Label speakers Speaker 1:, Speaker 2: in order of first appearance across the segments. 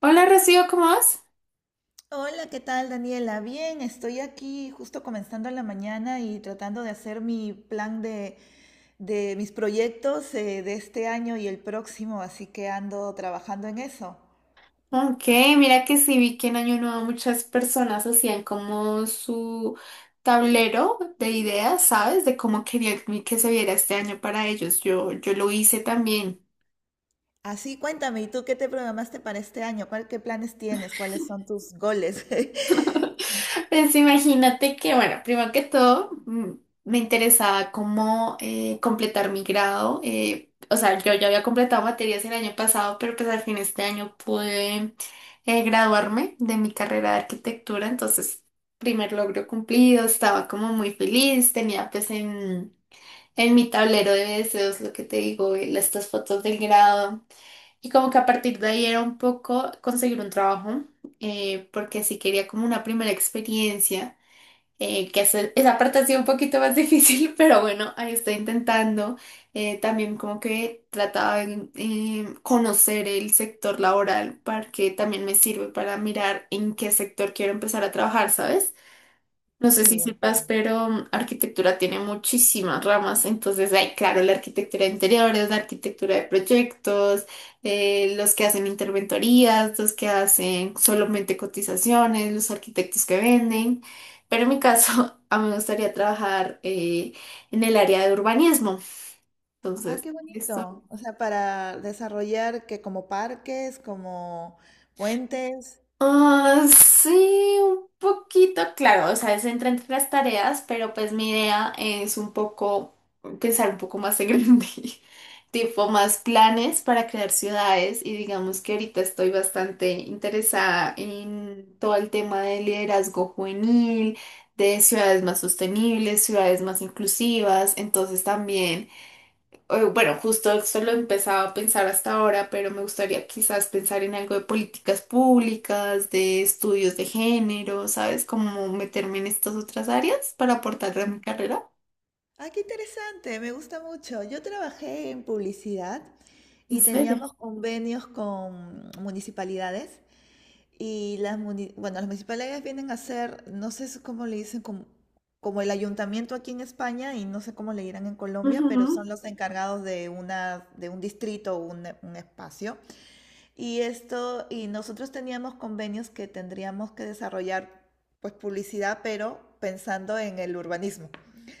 Speaker 1: Hola Rocío, ¿cómo vas?
Speaker 2: Hola, ¿qué tal, Daniela? Bien, estoy aquí justo comenzando la mañana y tratando de hacer mi plan de mis proyectos de este año y el próximo, así que ando trabajando en eso.
Speaker 1: Ok, mira que sí vi que en Año Nuevo muchas personas hacían como su tablero de ideas, ¿sabes? De cómo querían que se viera este año para ellos. Yo lo hice también.
Speaker 2: Así, cuéntame, ¿y tú qué te programaste para este año? ¿Qué planes tienes? ¿Cuáles son tus goles?
Speaker 1: Pues imagínate que, bueno, primero que todo, me interesaba cómo completar mi grado. O sea, yo ya había completado materias el año pasado, pero pues al fin este año pude graduarme de mi carrera de arquitectura. Entonces, primer logro cumplido, estaba como muy feliz, tenía pues en mi tablero de deseos lo que te digo, estas fotos del grado. Y como que a partir de ahí era un poco conseguir un trabajo, porque sí quería como una primera experiencia que esa parte ha sido un poquito más difícil, pero bueno, ahí estoy intentando. También como que trataba de conocer el sector laboral, para que también me sirve para mirar en qué sector quiero empezar a trabajar, ¿sabes? No sé si
Speaker 2: Sí,
Speaker 1: sepas,
Speaker 2: entiendo.
Speaker 1: pero arquitectura tiene muchísimas ramas. Entonces, hay, claro, la arquitectura de interiores, la arquitectura de proyectos, los que hacen interventorías, los que hacen solamente cotizaciones, los arquitectos que venden. Pero en mi caso, a mí me gustaría trabajar en el área de urbanismo.
Speaker 2: Ah,
Speaker 1: Entonces,
Speaker 2: qué
Speaker 1: esto.
Speaker 2: bonito. O sea, para desarrollar que como parques, como puentes.
Speaker 1: Ah, sí, un poquito, claro, o sea, es entra entre las tareas, pero pues mi idea es un poco pensar un poco más en grande, tipo más planes para crear ciudades y digamos que ahorita estoy bastante interesada en todo el tema de liderazgo juvenil, de ciudades más sostenibles, ciudades más inclusivas, entonces también bueno, justo eso lo he empezado a pensar hasta ahora, pero me gustaría quizás pensar en algo de políticas públicas, de estudios de género, ¿sabes? Como meterme en estas otras áreas para aportar a mi carrera.
Speaker 2: Ah, qué interesante, me gusta mucho. Yo trabajé en publicidad
Speaker 1: ¿En
Speaker 2: y
Speaker 1: serio?
Speaker 2: teníamos convenios con municipalidades y bueno, las municipalidades vienen a hacer, no sé cómo le dicen, como el ayuntamiento aquí en España y no sé cómo le dirán en Colombia, pero son
Speaker 1: Ujú.
Speaker 2: los encargados de un distrito o un espacio. Y esto, y nosotros teníamos convenios que tendríamos que desarrollar pues publicidad, pero pensando en el urbanismo.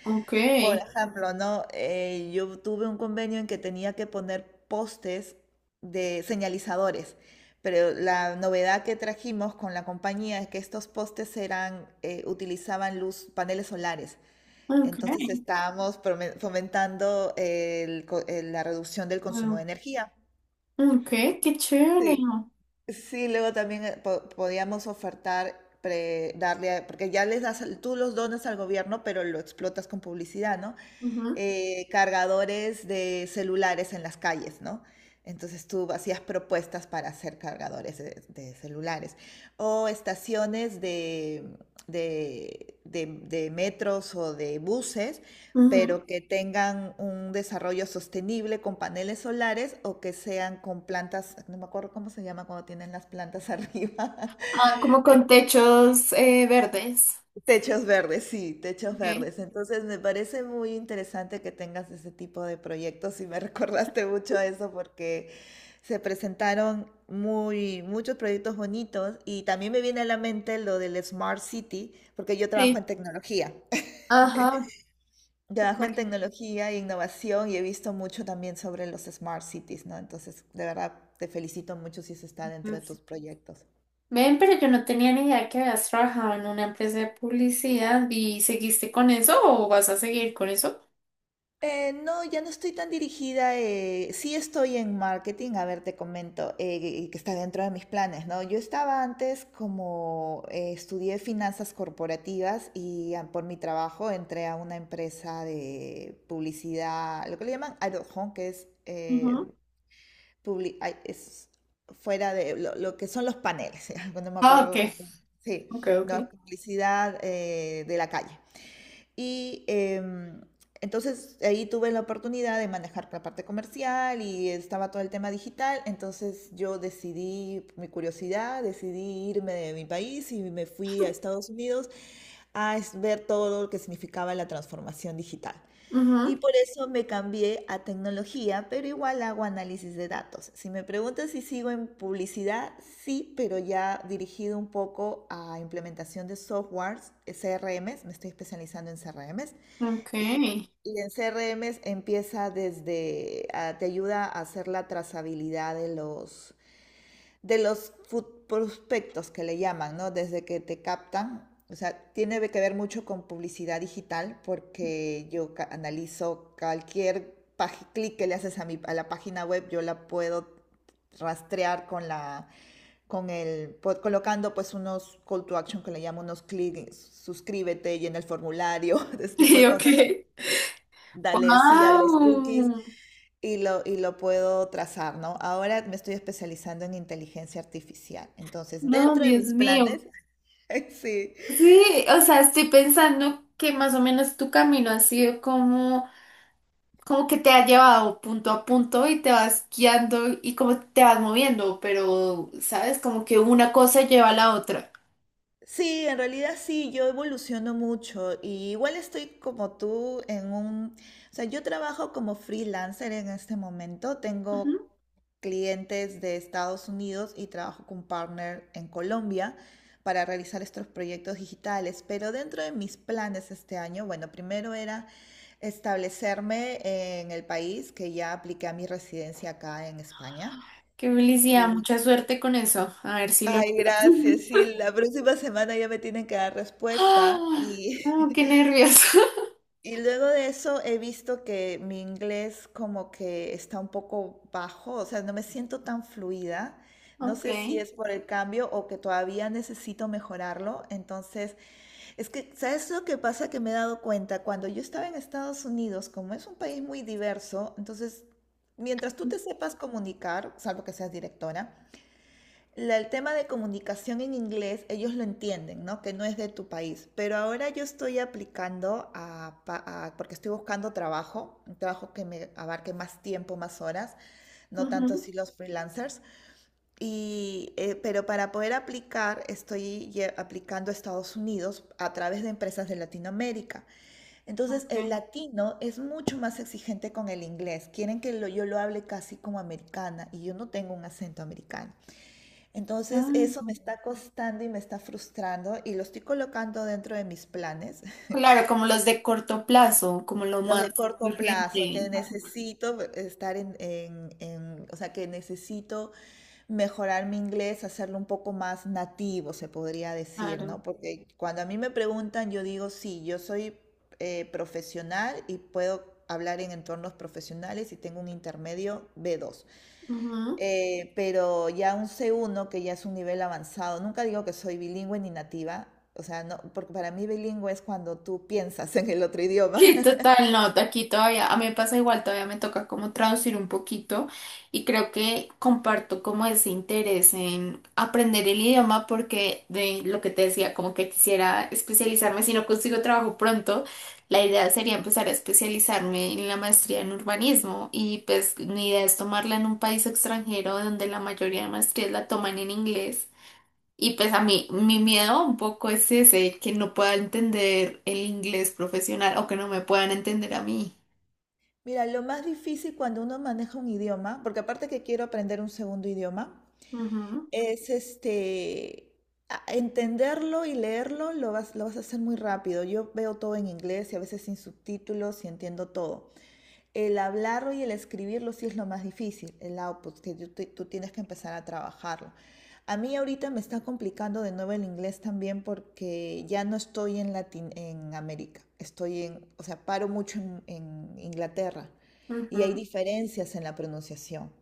Speaker 1: Ok,
Speaker 2: Por ejemplo, ¿no? Yo tuve un convenio en que tenía que poner postes de señalizadores, pero la novedad que trajimos con la compañía es que estos postes utilizaban luz, paneles solares.
Speaker 1: ok,
Speaker 2: Entonces estábamos fomentando el la reducción del consumo de
Speaker 1: bueno,
Speaker 2: energía.
Speaker 1: ok, qué chévere.
Speaker 2: Sí, sí, luego también podíamos ofertar, darle, porque ya les das, tú los donas al gobierno, pero lo explotas con publicidad, ¿no?
Speaker 1: Ujú,
Speaker 2: Cargadores de celulares en las calles, ¿no? Entonces tú hacías propuestas para hacer cargadores de celulares. O estaciones de metros o de buses,
Speaker 1: ujú.
Speaker 2: pero que tengan un desarrollo sostenible con paneles solares o que sean con plantas, no me acuerdo cómo se llama cuando tienen las plantas arriba.
Speaker 1: Ah, como con techos verdes.
Speaker 2: Techos verdes, sí, techos
Speaker 1: Ok,
Speaker 2: verdes. Entonces me parece muy interesante que tengas ese tipo de proyectos y me recordaste mucho a eso porque se presentaron muchos proyectos bonitos y también me viene a la mente lo del Smart City porque yo trabajo
Speaker 1: sí.
Speaker 2: en tecnología.
Speaker 1: Ajá.
Speaker 2: Trabajo en tecnología e innovación y he visto mucho también sobre los Smart Cities, ¿no? Entonces, de verdad, te felicito mucho si eso está dentro de tus proyectos.
Speaker 1: Ven, pero yo no tenía ni idea que habías trabajado en una empresa de publicidad y ¿seguiste con eso o vas a seguir con eso?
Speaker 2: No, ya no estoy tan dirigida. Sí estoy en marketing, a ver, te comento, que está dentro de mis planes, ¿no? Yo estaba antes como estudié finanzas corporativas y por mi trabajo entré a una empresa de publicidad, lo que le llaman out of home, que es,
Speaker 1: Ujú.
Speaker 2: ay, es fuera de lo que son los paneles, no me
Speaker 1: Ah, ok,
Speaker 2: acuerdo. Sí,
Speaker 1: ok, ok.
Speaker 2: no, publicidad de la calle. Y entonces ahí tuve la oportunidad de manejar la parte comercial y estaba todo el tema digital. Entonces yo decidí, por mi curiosidad, decidí irme de mi país y me fui a Estados Unidos a ver todo lo que significaba la transformación digital. Y
Speaker 1: Ujú.
Speaker 2: por eso me cambié a tecnología, pero igual hago análisis de datos. Si me preguntas si sigo en publicidad, sí, pero ya dirigido un poco a implementación de softwares, CRMs, me estoy especializando en CRMs.
Speaker 1: Ok,
Speaker 2: Y, y en CRMs empieza desde, te ayuda a hacer la trazabilidad de los prospectos que le llaman, ¿no? Desde que te captan. O sea, tiene que ver mucho con publicidad digital porque yo analizo cualquier clic que le haces a la página web, yo la puedo rastrear con el colocando pues unos call to action que le llamo unos clics, suscríbete y en el formulario, ese tipo
Speaker 1: sí,
Speaker 2: de
Speaker 1: ok.
Speaker 2: cosas. Dale sí a los cookies
Speaker 1: Wow,
Speaker 2: y lo puedo trazar, ¿no? Ahora me estoy especializando en inteligencia artificial. Entonces,
Speaker 1: no,
Speaker 2: dentro de
Speaker 1: Dios
Speaker 2: mis
Speaker 1: mío.
Speaker 2: planes, sí,
Speaker 1: Sí, o sea, estoy pensando que más o menos tu camino ha sido como, como que te ha llevado punto a punto y te vas guiando y como te vas moviendo, pero, ¿sabes? Como que una cosa lleva a la otra.
Speaker 2: sí, en realidad sí, yo evoluciono mucho y igual estoy como tú en o sea, yo trabajo como freelancer en este momento, tengo clientes de Estados Unidos y trabajo con partner en Colombia para realizar estos proyectos digitales, pero dentro de mis planes este año, bueno, primero era establecerme en el país, que ya apliqué a mi residencia acá en España.
Speaker 1: Qué felicidad, mucha suerte con eso. A ver si lo
Speaker 2: Ay,
Speaker 1: logras.
Speaker 2: gracias, sí, la próxima semana ya me tienen que dar respuesta
Speaker 1: Ah,
Speaker 2: y,
Speaker 1: oh, qué nervioso.
Speaker 2: y luego de eso he visto que mi inglés como que está un poco bajo, o sea, no me siento tan fluida. No
Speaker 1: Ok.
Speaker 2: sé si es por el cambio o que todavía necesito mejorarlo. Entonces, es que, ¿sabes lo que pasa? Que me he dado cuenta, cuando yo estaba en Estados Unidos, como es un país muy diverso, entonces, mientras tú te sepas comunicar, salvo que seas directora, el tema de comunicación en inglés, ellos lo entienden, ¿no? Que no es de tu país. Pero ahora yo estoy aplicando porque estoy buscando trabajo, un trabajo que me abarque más tiempo, más horas, no tanto
Speaker 1: Ujú.
Speaker 2: así los freelancers. Y, pero para poder aplicar, estoy aplicando a Estados Unidos a través de empresas de Latinoamérica. Entonces,
Speaker 1: Ok.
Speaker 2: el latino es mucho más exigente con el inglés. Quieren que yo lo hable casi como americana y yo no tengo un acento americano. Entonces eso me
Speaker 1: Claro.
Speaker 2: está costando y me está frustrando y lo estoy colocando dentro de mis planes,
Speaker 1: Claro, como los de corto plazo, como lo
Speaker 2: los
Speaker 1: más
Speaker 2: de corto plazo,
Speaker 1: urgente.
Speaker 2: que necesito estar o sea, que necesito mejorar mi inglés, hacerlo un poco más nativo, se podría decir,
Speaker 1: Claro.
Speaker 2: ¿no? Porque cuando a mí me preguntan, yo digo, sí, yo soy profesional y puedo hablar en entornos profesionales y tengo un intermedio B2.
Speaker 1: Ujú.
Speaker 2: Pero ya un C1 que ya es un nivel avanzado, nunca digo que soy bilingüe ni nativa, o sea, no, porque para mí bilingüe es cuando tú piensas en el otro idioma.
Speaker 1: Sí, total, no, aquí todavía, a mí me pasa igual, todavía me toca como traducir un poquito y creo que comparto como ese interés en aprender el idioma porque de lo que te decía, como que quisiera especializarme, si no consigo trabajo pronto, la idea sería empezar a especializarme en la maestría en urbanismo y pues mi idea es tomarla en un país extranjero donde la mayoría de maestrías la toman en inglés. Y pues a mí, mi miedo un poco es ese, que no pueda entender el inglés profesional o que no me puedan entender a mí.
Speaker 2: Mira, lo más difícil cuando uno maneja un idioma, porque aparte que quiero aprender un segundo idioma,
Speaker 1: Ujú,
Speaker 2: es este, entenderlo y leerlo, lo vas a hacer muy rápido. Yo veo todo en inglés y a veces sin subtítulos y entiendo todo. El hablarlo y el escribirlo sí es lo más difícil, el output, que tú tienes que empezar a trabajarlo. A mí ahorita me está complicando de nuevo el inglés también porque ya no estoy en América, estoy o sea, paro mucho en Inglaterra y hay
Speaker 1: ujú,
Speaker 2: diferencias en la pronunciación,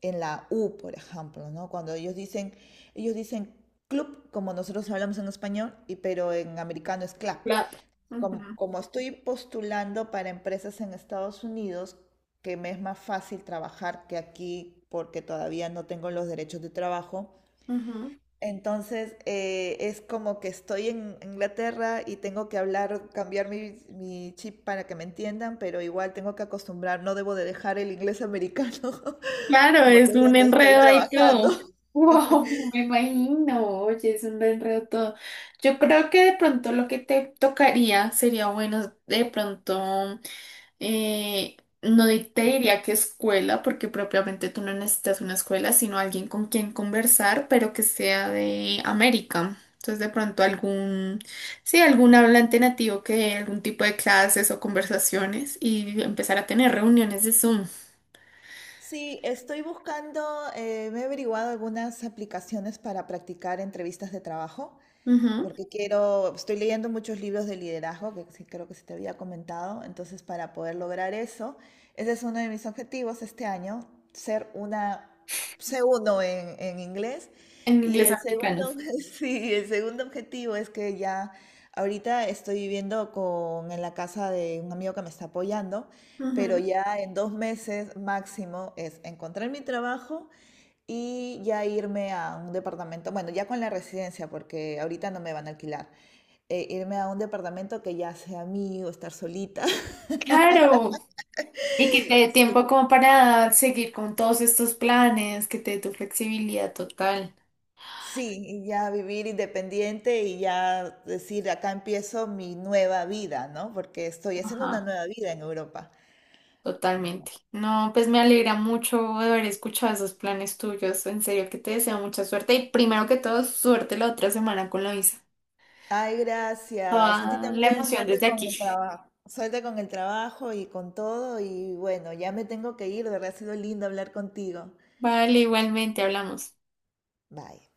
Speaker 2: en la U, por ejemplo, ¿no? Cuando ellos dicen club, como nosotros hablamos en español, y, pero en americano es clap.
Speaker 1: claro.
Speaker 2: como,
Speaker 1: Ujú,
Speaker 2: como estoy postulando para empresas en Estados Unidos, que me es más fácil trabajar que aquí porque todavía no tengo los derechos de trabajo.
Speaker 1: ujú.
Speaker 2: Entonces es como que estoy en Inglaterra y tengo que hablar, cambiar mi chip para que me entiendan, pero igual tengo que acostumbrar, no debo de dejar el inglés americano
Speaker 1: Claro,
Speaker 2: porque
Speaker 1: es
Speaker 2: es
Speaker 1: un
Speaker 2: donde estoy
Speaker 1: enredo ahí
Speaker 2: trabajando.
Speaker 1: todo. Wow, me imagino, oye, es un enredo todo. Yo creo que de pronto lo que te tocaría sería bueno, de pronto. Eh, no di- Te diría que escuela, porque propiamente tú no necesitas una escuela, sino alguien con quien conversar, pero que sea de América. Entonces, de pronto algún, sí, algún hablante nativo que dé algún tipo de clases o conversaciones y empezar a tener reuniones de Zoom.
Speaker 2: Sí, estoy buscando, me he averiguado algunas aplicaciones para practicar entrevistas de trabajo.
Speaker 1: Ujú.
Speaker 2: Porque quiero, estoy leyendo muchos libros de liderazgo, que sí creo que se te había comentado, entonces para poder lograr eso, ese es uno de mis objetivos este año, ser una C1 en inglés.
Speaker 1: En
Speaker 2: Y
Speaker 1: inglés
Speaker 2: el
Speaker 1: americano.
Speaker 2: segundo, sí, el segundo objetivo es que ya ahorita estoy viviendo en la casa de un amigo que me está apoyando, pero
Speaker 1: Ujú.
Speaker 2: ya en 2 meses máximo es encontrar mi trabajo y ya irme a un departamento, bueno, ya con la residencia, porque ahorita no me van a alquilar, irme a un departamento que ya sea mío, estar solita,
Speaker 1: Claro. Y que te dé tiempo como para seguir con todos estos planes, que te dé tu flexibilidad total.
Speaker 2: sí, y ya vivir independiente y ya decir, acá empiezo mi nueva vida, ¿no? Porque estoy haciendo una
Speaker 1: Ajá.
Speaker 2: nueva vida en Europa.
Speaker 1: Totalmente. No, pues me alegra mucho haber escuchado esos planes tuyos. En serio que te deseo mucha suerte y primero que todo, suerte la otra semana con la visa.
Speaker 2: Ay, gracias. A ti
Speaker 1: Toda la
Speaker 2: también,
Speaker 1: emoción
Speaker 2: suerte
Speaker 1: desde
Speaker 2: con
Speaker 1: aquí.
Speaker 2: el trabajo. Suerte con el trabajo y con todo. Y bueno, ya me tengo que ir. De verdad ha sido lindo hablar contigo.
Speaker 1: Vale, igualmente hablamos.
Speaker 2: Bye.